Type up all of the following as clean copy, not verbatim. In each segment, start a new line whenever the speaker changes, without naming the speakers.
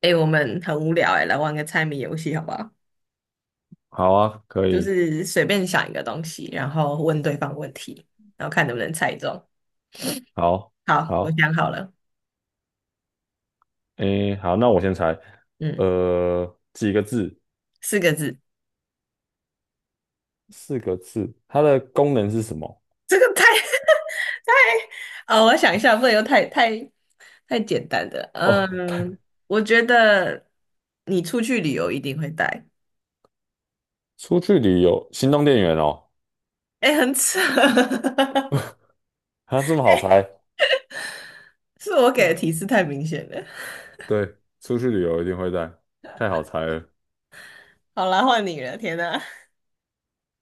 哎、我们很无聊哎、来玩个猜谜游戏好不好？
好啊，可
就
以，
是随便想一个东西，然后问对方问题，然后看能不能猜中。
好，
好，我
好，
想好了，
诶，好，那我先猜，
嗯，
几个字？
4个字。
四个字，它的功能是什么？
这个太 太……哦，我想一下，不能又太简单的。
哦，
嗯，我觉得你出去旅游一定会带。
出去旅游，行动电源哦，
哎、很扯。
它这么好
哎、
猜？
是我给的
嗯
提示太明显了。
对，出去旅游一定会带，太好猜了。
好啦，换你了。天哪，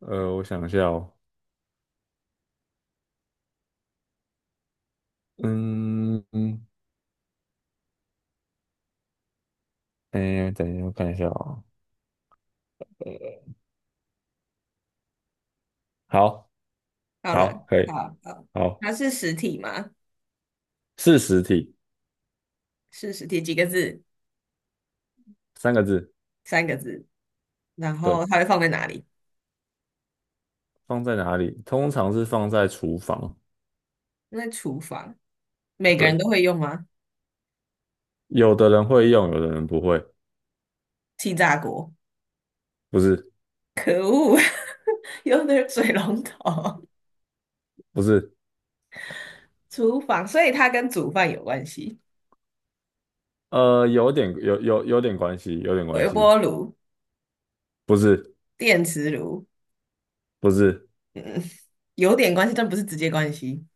我想一下哦，嗯嗯，诶，等一下，我看一下哦。好，
好了，
好，可以，
好好，
好，
它是实体吗？
是实体，
是实体，几个字？
三个字，
三个字，然后
对，
它会放在哪里？
放在哪里？通常是放在厨房，
在厨房，每个人
对。
都会用吗？
有的人会用，有的人不会，
气炸锅，
不是
可恶，用的是水龙头。
不是，
厨房，所以它跟煮饭有关系。
有点有点关系，有点关
微
系，
波炉、
不是
电磁炉
不是，
有点关系，但不是直接关系。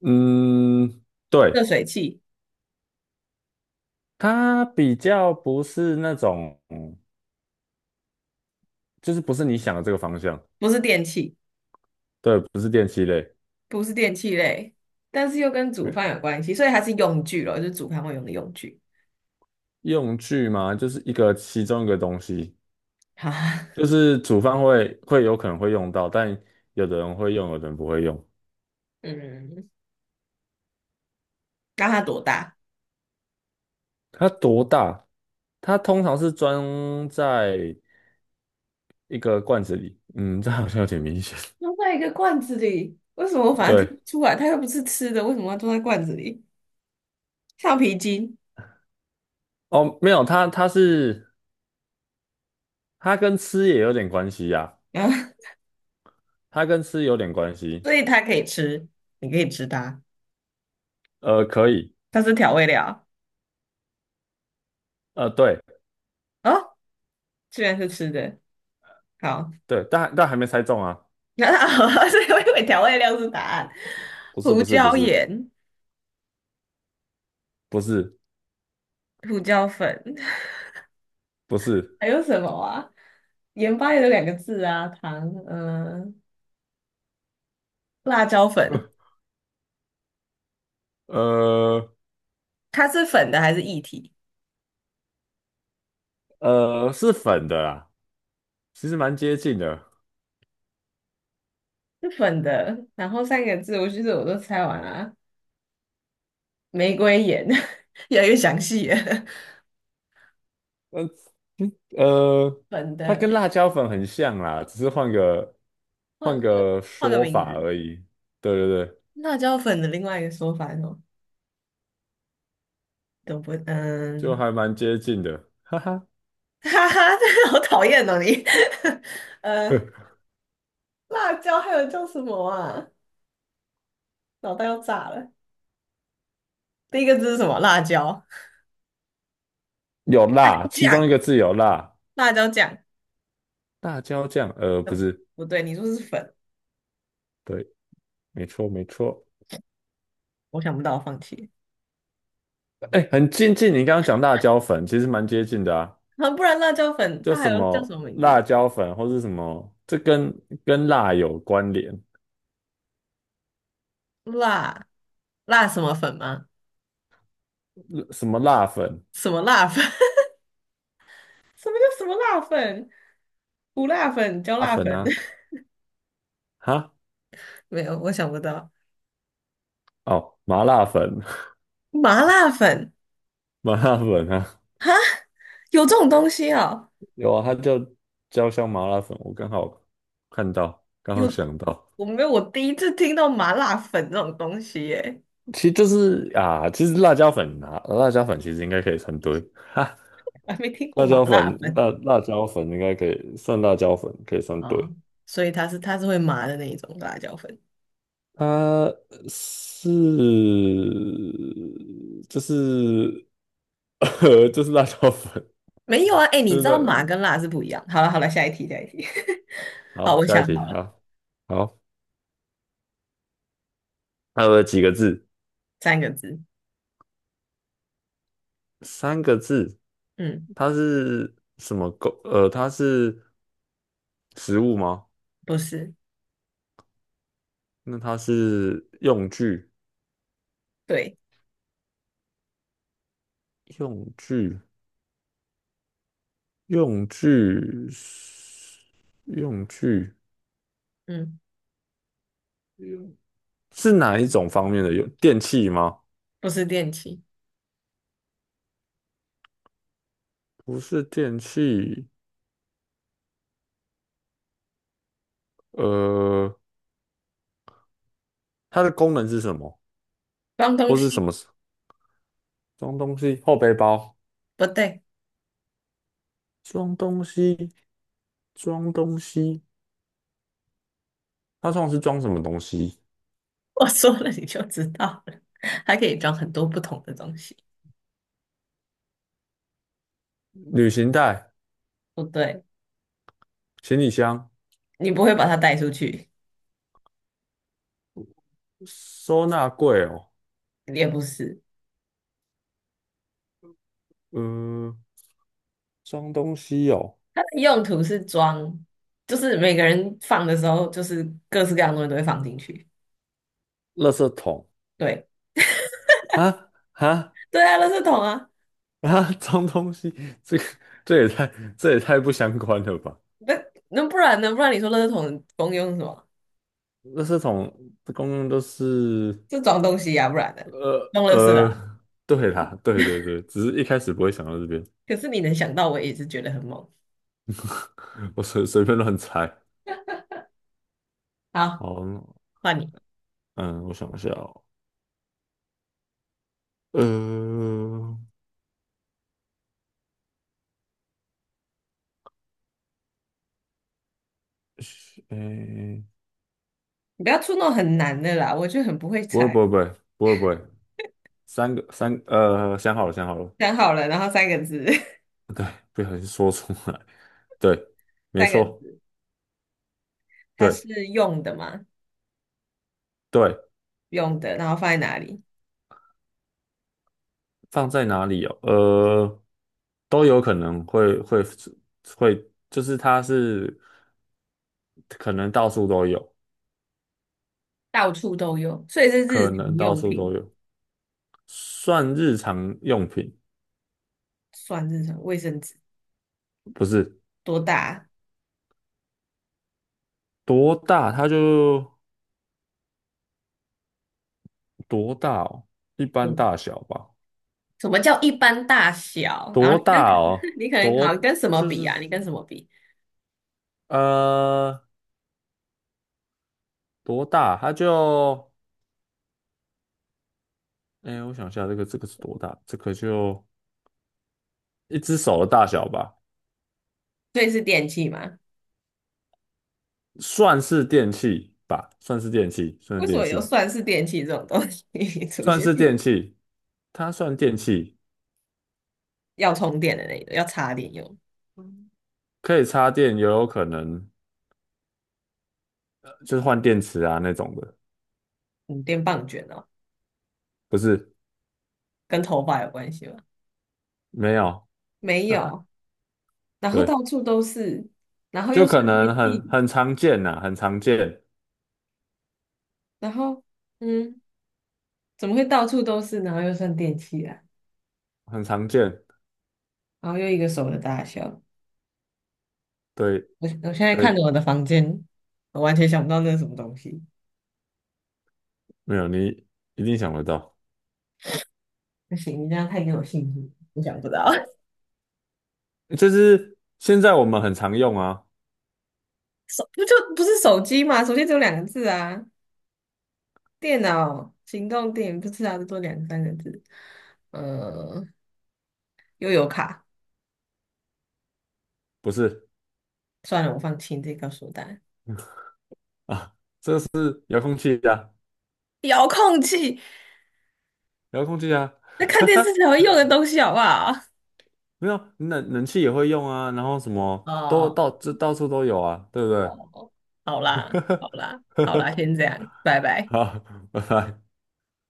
嗯，
热
对，
水器
它比较不是那种，就是不是你想的这个方向，
不是电器，
对，不是电器类，
不是电器类，但是又跟煮
没有
饭有关系，所以它是用具咯，就是煮饭会用的用具。
用具嘛，就是一个其中一个东西，
哈，
就是煮饭会有可能会用到，但有的人会用，有的人不会用。
嗯，那它多大？
它多大？它通常是装在一个罐子里，这好像有点明显。
装在一个罐子里，为什么我 反而听不
对，
出来？它又不是吃的，为什么要装在罐子里？橡皮筋
哦，没有，它是它跟吃也有点关系呀、
啊，
它跟吃有点关 系。
所以它可以吃，你可以吃它，
可以，
它是调味料
对
哦，居然是吃的，好，
对，但还没猜中啊，
那所以我以为调味料是答案，
不是
胡
不是不
椒
是
盐、
不是
胡椒粉，
不 是，
还有什么啊？盐巴也有两个字啊，糖，嗯、辣椒粉，
呃
它是粉的还是液体？
是粉的啦，其实蛮接近的。
是粉的，然后三个字，其实我都猜完了。玫瑰盐，越来越详细了。
呃呃，
粉
它跟
的，
辣椒粉很像啦，只是
换
换
换个
个
换个
说
名
法
字，
而已。对对对，
辣椒粉的另外一个说法是什么？都不，
就
嗯，
还蛮接近的，哈哈。
哈哈，这好讨厌哦你。呃，辣椒还有叫什么啊？脑袋要炸了。第一个字是什么？辣椒，
有
辣
辣，
椒
其中一
酱，
个字有辣，
辣椒酱。
辣椒酱，不
嗯，
是，
不对，你说是粉，
对，没错，没错，
我想不到，放弃。
哎，很接近你刚刚讲辣椒粉，其实蛮接近的啊，
啊，不然辣椒粉
就
它还
什
有叫什么
么
名
辣
字？
椒粉或是什么，这跟辣有关联，
辣辣什么粉吗？
什么辣粉，
什么辣粉？什么叫什么辣粉？胡辣粉、椒
辣
辣
粉
粉，
啊，哈，
没有，我想不到。
哦，麻辣粉，
麻辣粉
麻辣粉啊，
有这种东西啊？
有啊，它叫焦香麻辣粉，我刚好看到，刚好
有，
想到，
我没有，我第一次听到麻辣粉这种东西耶，
其实就是啊，其实辣椒粉啊，辣椒粉其实应该可以成堆，哈。
还没听过
辣
麻
椒
辣
粉，
粉
辣椒粉应该可以算辣椒粉，可以算
啊。
对。
所以它是会麻的那一种辣椒粉。
它是就是 就是辣椒粉，
没有啊，哎，你知
真
道麻
的。
跟辣是不一样。好了好了，下一题下一题。好，
好，
我
下一
想
题，
好了，
好，好，它有几个字？
三个字。
三个字。
嗯，
它是什么工？它是食物吗？
不是，
那它是用具，
对，
用具，用具，用具，
嗯，
是哪一种方面的？有电器吗？
不是电器，
不是电器，呃，它的功能是什么？
脏东
或是什
西，
么装东西？后背包，
不对。
装东西，装东西，它通常是装什么东西？
我说了你就知道了，它可以装很多不同的东西。
旅行袋、
不对，
行李箱、
你不会把它带出去，
收纳柜哦，
也不是。
呃，装东西哦，
它的用途是装，就是每个人放的时候，就是各式各样的东西都会放进去。
垃圾桶
对，
啊，
对啊，垃圾桶啊，
装东西，这个这也太这也太不相关了吧？
那那不然呢？不然你说垃圾桶的功用是什么？
垃圾桶的功能都是。
是装东西呀、不然的，
呃
用垃圾啊。
呃，对啦，对对对，只是一开始不会想到这边，
可是你能想到，我也是觉得很猛。
我便乱猜。
好，
好，
换你，
嗯，我想一下哦，呃，是诶，
你不要出那种很难的啦，我就很不会
不会
猜。
不会不会不会不会，三个三呃，想好了想好了，
想好了，然后三个字，
对，不小心说出来，对，没
三个
错，
字，它
对
是用的吗？
对，
用的，然后放在哪里？
放在哪里哦？都有可能会，就是它是可能到处都有，
到处都有，所以是日
可
常
能到
用
处都
品，
有。算日常用品，
算日常卫生纸
不是
多大啊
多大，它就多大哦，一般
嗯，
大小吧，
什么叫一般大小？然后
多
你跟
大哦，
你可能好像
多
跟什么
就
比
是
啊？你跟什么比？
呃多大，它就哎，我想一下，这个是多大？这个就一只手的大小吧，
所以是电器吗？
算是电器吧，算是电器，算
为
是
什
电
么有
器，
算是电器这种东西 出
算
现？
是电器，它算电器，
要充电的那种，要插电用，
可以插电，也有可能就是换电池啊那种的，
嗯，电棒卷哦，
不是，
跟头发有关系吗？
没有，
没
哈哈，
有，然后到
对。
处都是，然后
就
又
可
算电
能很
器，
很常见呐、很常见，
然后嗯，怎么会到处都是，然后又算电器啊？
很常见。
然后又一个手的大小。
对
我现在看
对，
着我的房间，我完全想不到那是什么东西。
没有你一定想得到，
不行，你这样太给我信心，我想不到。
就是现在我们很常用啊，
手不就不是手机嘛？手机只有两个字啊，电脑、行动电不是啊，最多2、3个字。嗯，又有卡，
不是
算了，我放弃，你自己告诉我答案。
啊，遥控器啊，
遥控器，
遥控器啊，
那看电视 才会用的东西，好不好？
没有冷气也会用啊，然后什 么都
哦，
到处都有啊，对不对？
哦，好啦，好啦，好啦，先 这样，拜拜。
好，拜拜。